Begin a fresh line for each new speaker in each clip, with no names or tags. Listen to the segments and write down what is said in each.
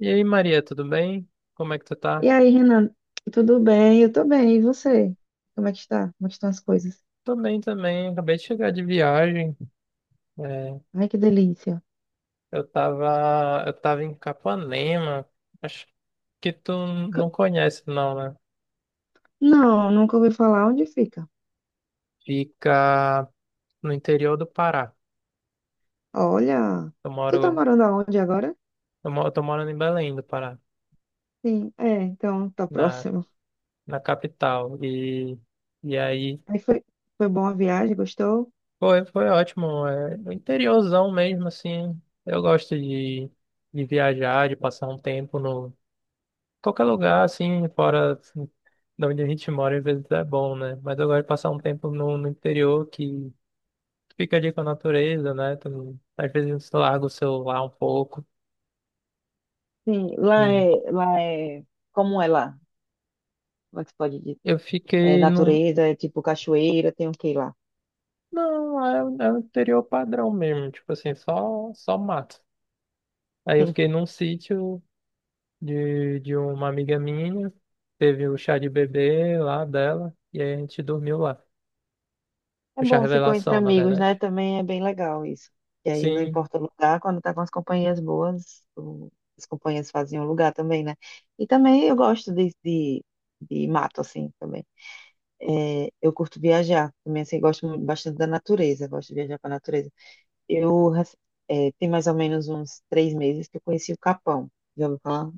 E aí, Maria, tudo bem? Como é que tu
E
tá?
aí, Renan, tudo bem? Eu tô bem, e você? Como é que está? Como é que estão as coisas?
Tô bem também, acabei de chegar de viagem. É,
Ai, que delícia.
eu tava em Capanema. Acho que tu
C-
não conhece, não, né?
Não, nunca ouvi falar onde fica.
Fica no interior do Pará.
Olha,
Eu
tu tá
moro,
morando aonde agora?
eu moro, tô morando em Belém do Pará,
Sim, é, então tá
na,
próximo.
na capital. E aí,
Aí foi, Foi bom a viagem, gostou?
foi, foi ótimo. É, o interiorzão mesmo, assim. De viajar, de passar um tempo no qualquer lugar, assim, fora assim, de onde a gente mora, às vezes é bom, né? Mas eu gosto de passar um tempo no interior que fica ali com a natureza, né? Tu não- Às vezes você larga o celular um pouco.
Sim, lá
E
é, lá é, como é lá? Como é que se pode dizer?
eu
É
fiquei num.
natureza, é tipo cachoeira, tem o que lá?
Não, é, o é o interior padrão mesmo, tipo assim, só mato. Aí eu fiquei num sítio de uma amiga minha, teve o chá de bebê lá dela, e aí a gente dormiu lá.
É
O chá
bom, ficou entre
revelação, na
amigos, né?
verdade.
Também é bem legal isso. E aí, não
Sim,
importa o lugar, quando tá com as companhias boas, as companhias fazem o lugar também, né? E também eu gosto de mato, assim, também. É, eu curto viajar, também, assim, bastante da natureza, gosto de viajar pra natureza. Eu, rec- Tem mais ou menos uns 3 meses que eu conheci o Capão. Já ouviu falar?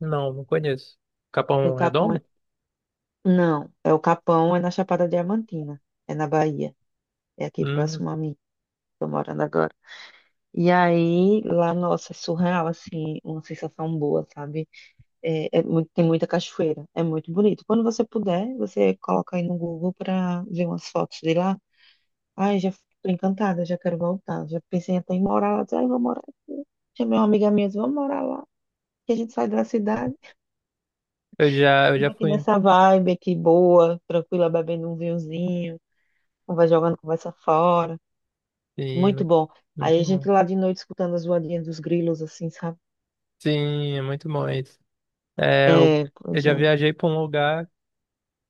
não, não conheço.
O
Capão
Capão é...
Redondo?
Não, é o Capão, é na Chapada Diamantina, é na Bahia, é aqui
Hum,
próximo a mim, tô morando agora. E aí, lá, nossa, é surreal, assim, uma sensação boa, sabe? Tem muita cachoeira, é muito bonito. Quando você puder, você coloca aí no Google pra ver umas fotos de lá. Ai, já tô encantada, já quero voltar. Já pensei até em morar lá, disse, ai, vou morar aqui. Chamei uma amiga minha, disse, vamos morar lá. Que a gente sai da cidade,
eu já
fica aqui
fui.
nessa vibe aqui boa, tranquila, bebendo um vinhozinho, vai jogando conversa fora.
Sim,
Muito
muito,
bom. Aí
muito
a
bom.
gente lá de noite escutando as voadinhas dos grilos, assim, sabe?
Sim, é muito bom isso. É, eu,
É,
eu
pois
já
é.
viajei para um lugar,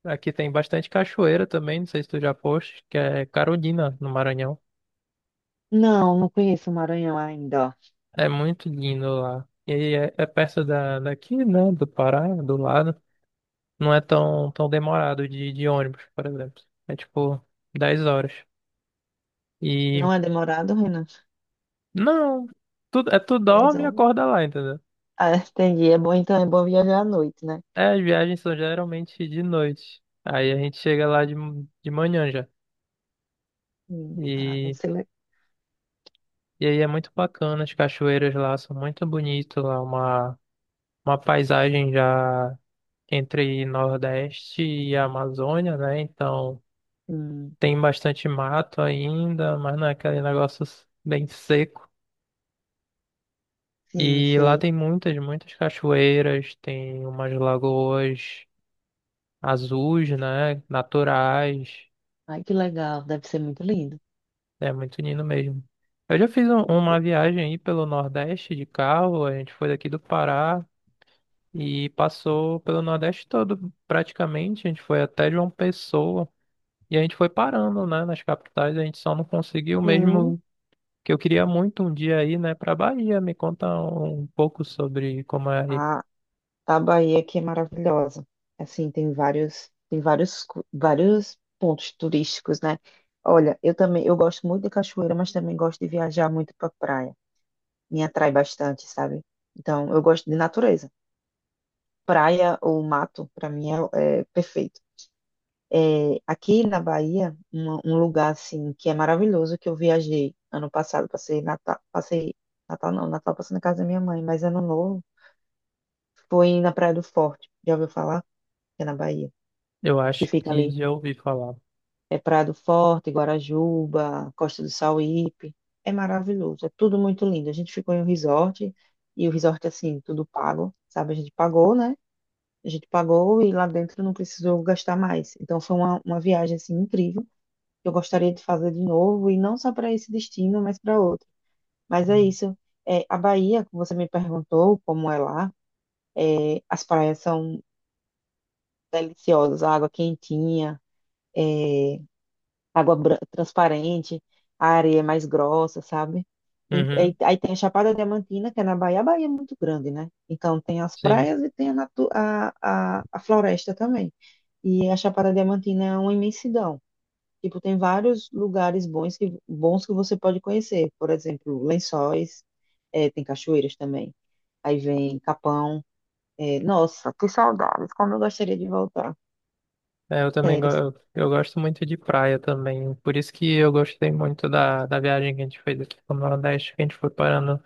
aqui tem bastante cachoeira também, não sei se tu já foste, que é Carolina, no Maranhão.
Não, não conheço o Maranhão ainda, ó.
É muito lindo lá. E é, é perto daqui, né, do Pará, do lado. Não é tão, tão demorado de ônibus, por exemplo. É tipo 10 horas. E,
Não é demorado, Renan?
não, tu, é, tu
10
dorme e
horas.
acorda lá, entendeu?
Ah, entendi. É bom, então, é bom viajar à noite, né?
É, as viagens são geralmente de noite. Aí a gente chega lá de manhã já.
Hum. Ah, não
E,
sei.
e aí é muito bacana, as cachoeiras lá são muito bonitas lá, uma paisagem já entre Nordeste e Amazônia, né? Então
Hum.
tem bastante mato ainda, mas não é aquele negócio bem seco.
Sim,
E lá
sei.
tem muitas, muitas cachoeiras, tem umas lagoas azuis, né? Naturais.
Ai, que legal. Deve ser muito lindo.
É muito lindo mesmo. Eu já fiz
Eu
uma
vou-
viagem aí pelo Nordeste de carro, a gente foi daqui do Pará e passou pelo Nordeste todo, praticamente. A gente foi até João Pessoa e a gente foi parando, né, nas capitais. A gente só não conseguiu
Sim,
mesmo que eu queria muito um dia aí, né, pra Bahia. Me conta um pouco sobre como é aí.
a, a Bahia aqui é maravilhosa. Assim, vários pontos turísticos, né? Olha, eu também, eu gosto muito de cachoeira, mas também gosto de viajar muito para praia. Me atrai bastante, sabe? Então, eu gosto de natureza. Praia ou mato, para mim é perfeito. É, aqui na Bahia, um lugar assim que é maravilhoso que eu viajei ano passado, passei Natal não, Natal passei na casa da minha mãe, mas ano novo foi na Praia do Forte. Já ouviu falar? Que é na Bahia,
Eu
que
acho
fica
que
ali.
já ouvi falar.
É Praia do Forte, Guarajuba, Costa do Sauípe. É maravilhoso, é tudo muito lindo. A gente ficou em um resort e o resort assim, tudo pago, sabe? A gente pagou, né? A gente pagou e lá dentro não precisou gastar mais. Então foi uma viagem assim incrível. Eu gostaria de fazer de novo e não só para esse destino, mas para outro. Mas é isso. É, a Bahia, que você me perguntou como é lá, as praias são deliciosas, a água quentinha, transparente, a areia é mais grossa, sabe?
Uhum,
Aí tem a Chapada Diamantina, que é na Bahia. A Bahia é muito grande, né? Então tem as
sim.
praias e tem a floresta também. E a Chapada Diamantina é uma imensidão. Tipo, tem vários lugares bons que você pode conhecer. Por exemplo, Lençóis, tem cachoeiras também. Aí vem Capão. Nossa, que saudades, como eu gostaria de voltar. Sério,
Eu gosto muito de praia também. Por isso que eu gostei muito da viagem que a gente fez aqui pro Nordeste, que a gente foi parando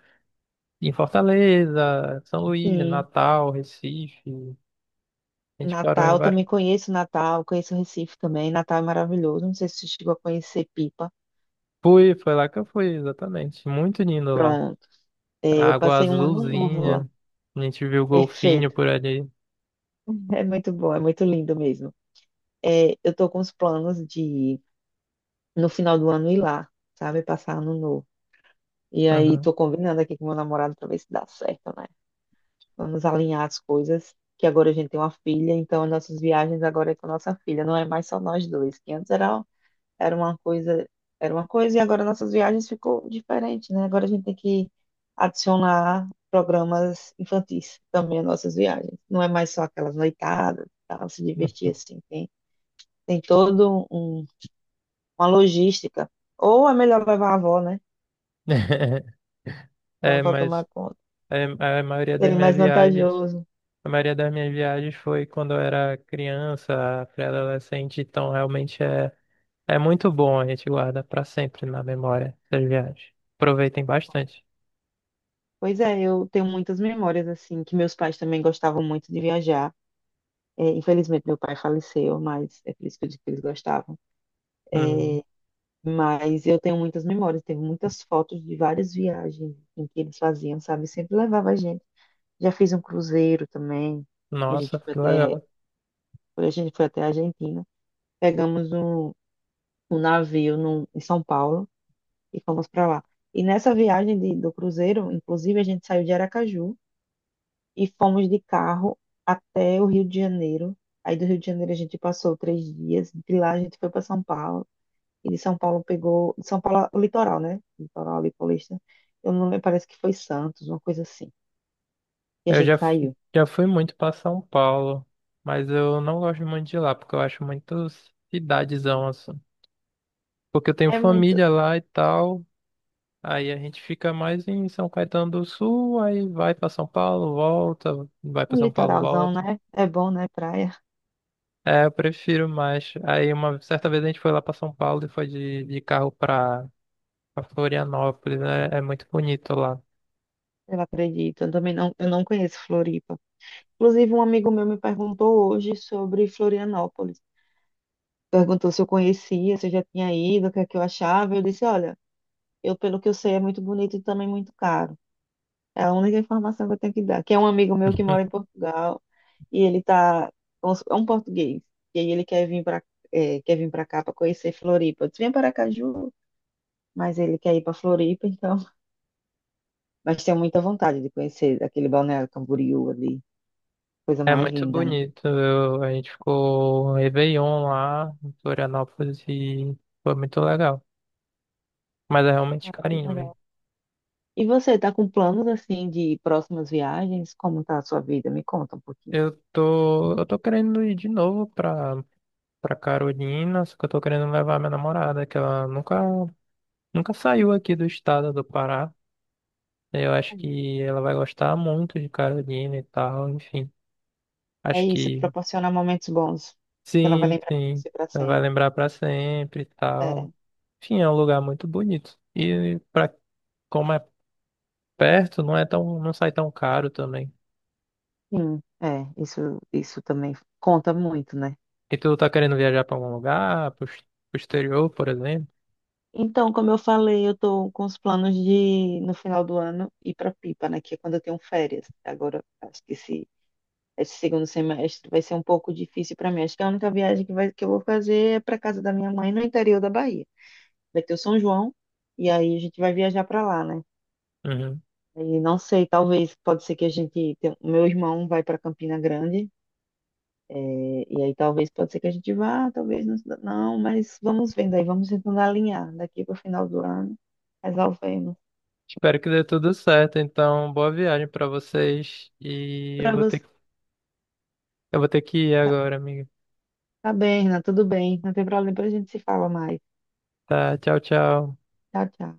em Fortaleza, São Luís,
sim.
Natal, Recife. A gente parou em
Natal,
vários.
também conheço Natal, conheço Recife também. Natal é maravilhoso. Não sei se você chegou a conhecer Pipa.
Fui, foi lá que eu fui, exatamente. Muito lindo lá.
Pronto.
A
Eu
água
passei um ano novo lá.
azulzinha. A gente viu golfinho
Perfeito.
por ali.
É muito bom, é muito lindo mesmo. Eu tô com os planos de, no final do ano, ir lá, sabe? Passar ano novo. E aí
Uhum.
tô combinando aqui com meu namorado para ver se dá certo, né? Vamos alinhar as coisas, que agora a gente tem uma filha, então as nossas viagens agora é com a nossa filha, não é mais só nós dois, que antes era uma coisa, era uma coisa e agora nossas viagens ficou diferente, né? Agora a gente tem que adicionar programas infantis também às nossas viagens. Não é mais só aquelas noitadas, tá? Se divertir assim, tem uma logística. Ou é melhor levar a avó, né? Para a
É,
avó
mas
tomar conta.
é, a maioria das
Seria
minhas
mais
viagens.
vantajoso.
A maioria das minhas viagens foi quando eu era criança, pré-adolescente, então realmente é, é muito bom, a gente guarda para sempre na memória essas viagens. Aproveitem bastante.
Pois é, eu tenho muitas memórias, assim, que meus pais também gostavam muito de viajar. É, infelizmente, meu pai faleceu, mas é por isso que eu digo que eles gostavam.
Hum,
Mas eu tenho muitas memórias, tenho muitas fotos de várias viagens em que eles faziam, sabe? Sempre levava a gente. Já fiz um cruzeiro também. A
nossa,
gente foi
que
até,
legal.
a gente foi até a Argentina. Pegamos um navio no, em São Paulo e fomos para lá. E nessa do cruzeiro, inclusive, a gente saiu de Aracaju. E fomos de carro até o Rio de Janeiro. Aí do Rio de Janeiro a gente passou 3 dias, de lá a gente foi para São Paulo, e de São Paulo pegou, o litoral, né? Litoral ali paulista. Eu não lembro, parece que foi Santos, uma coisa assim. E a gente saiu.
Já fui muito para São Paulo, mas eu não gosto muito de lá, porque eu acho muito cidadezão assim. Porque eu tenho
É muito
família lá e tal, aí a gente fica mais em São Caetano do Sul, aí vai para São Paulo, volta, vai
É
para
um
São Paulo,
litoralzão,
volta.
né? É bom, né? Praia,
É, eu prefiro mais. Aí uma certa vez a gente foi lá pra São Paulo e foi de carro pra Florianópolis. Né? É, muito bonito lá.
eu acredito. Eu também não, eu não conheço Floripa. Inclusive, um amigo meu me perguntou hoje sobre Florianópolis. Perguntou se eu conhecia, se eu já tinha ido, o que é que eu achava. Eu disse, olha, eu, pelo que eu sei, é muito bonito e também muito caro. É a única informação que eu tenho que dar. Que é um amigo meu que mora em Portugal e é um português. E aí ele quer vir para cá para conhecer Floripa. Eu disse, vem para Aracaju, mas ele quer ir para Floripa, então. Mas tenho muita vontade de conhecer aquele Balneário Camboriú ali, coisa
É
mais
muito
linda, né?
bonito. A gente ficou um Réveillon lá em Florianópolis e foi muito legal. Mas é realmente
Ah, que
carinho mesmo.
legal. E você está com planos assim de próximas viagens? Como está a sua vida? Me conta um pouquinho.
Eu tô querendo ir de novo pra Carolina, só que eu tô querendo levar minha namorada, que ela nunca saiu aqui do estado do Pará. Eu acho que ela vai gostar muito de Carolina e tal, enfim.
É
Acho
isso,
que
proporcionar momentos bons que ela vai
sim,
lembrar de
sim.
você para
Ela vai
sempre.
lembrar pra sempre e
É,
tal. Enfim, é um lugar muito bonito. E pra, como é perto, não é tão, não sai tão caro também.
sim, é, isso também conta muito, né?
E tu tá querendo viajar pra algum lugar, pro exterior, por exemplo?
Então, como eu falei, eu tô com os planos de, no final do ano, ir pra Pipa, né? Que é quando eu tenho férias. Agora, acho que esse segundo semestre vai ser um pouco difícil pra mim. Acho que a única viagem que eu vou fazer é pra casa da minha mãe, no interior da Bahia. Vai ter o São João, e aí a gente vai viajar pra lá, né?
Uhum.
E não sei, talvez, pode ser que a gente... O meu irmão vai pra Campina Grande. É, e aí talvez pode ser que a gente vá, talvez não, não, mas vamos vendo aí, vamos tentando alinhar daqui para o final do ano, resolvemos.
Espero que dê tudo certo. Então, boa viagem pra vocês.
Para você,
Eu vou ter que ir
tá,
agora, amigo.
tá bem, Renan, tudo bem, não tem problema, depois a gente se fala mais.
Tá, tchau, tchau.
Tchau, tchau.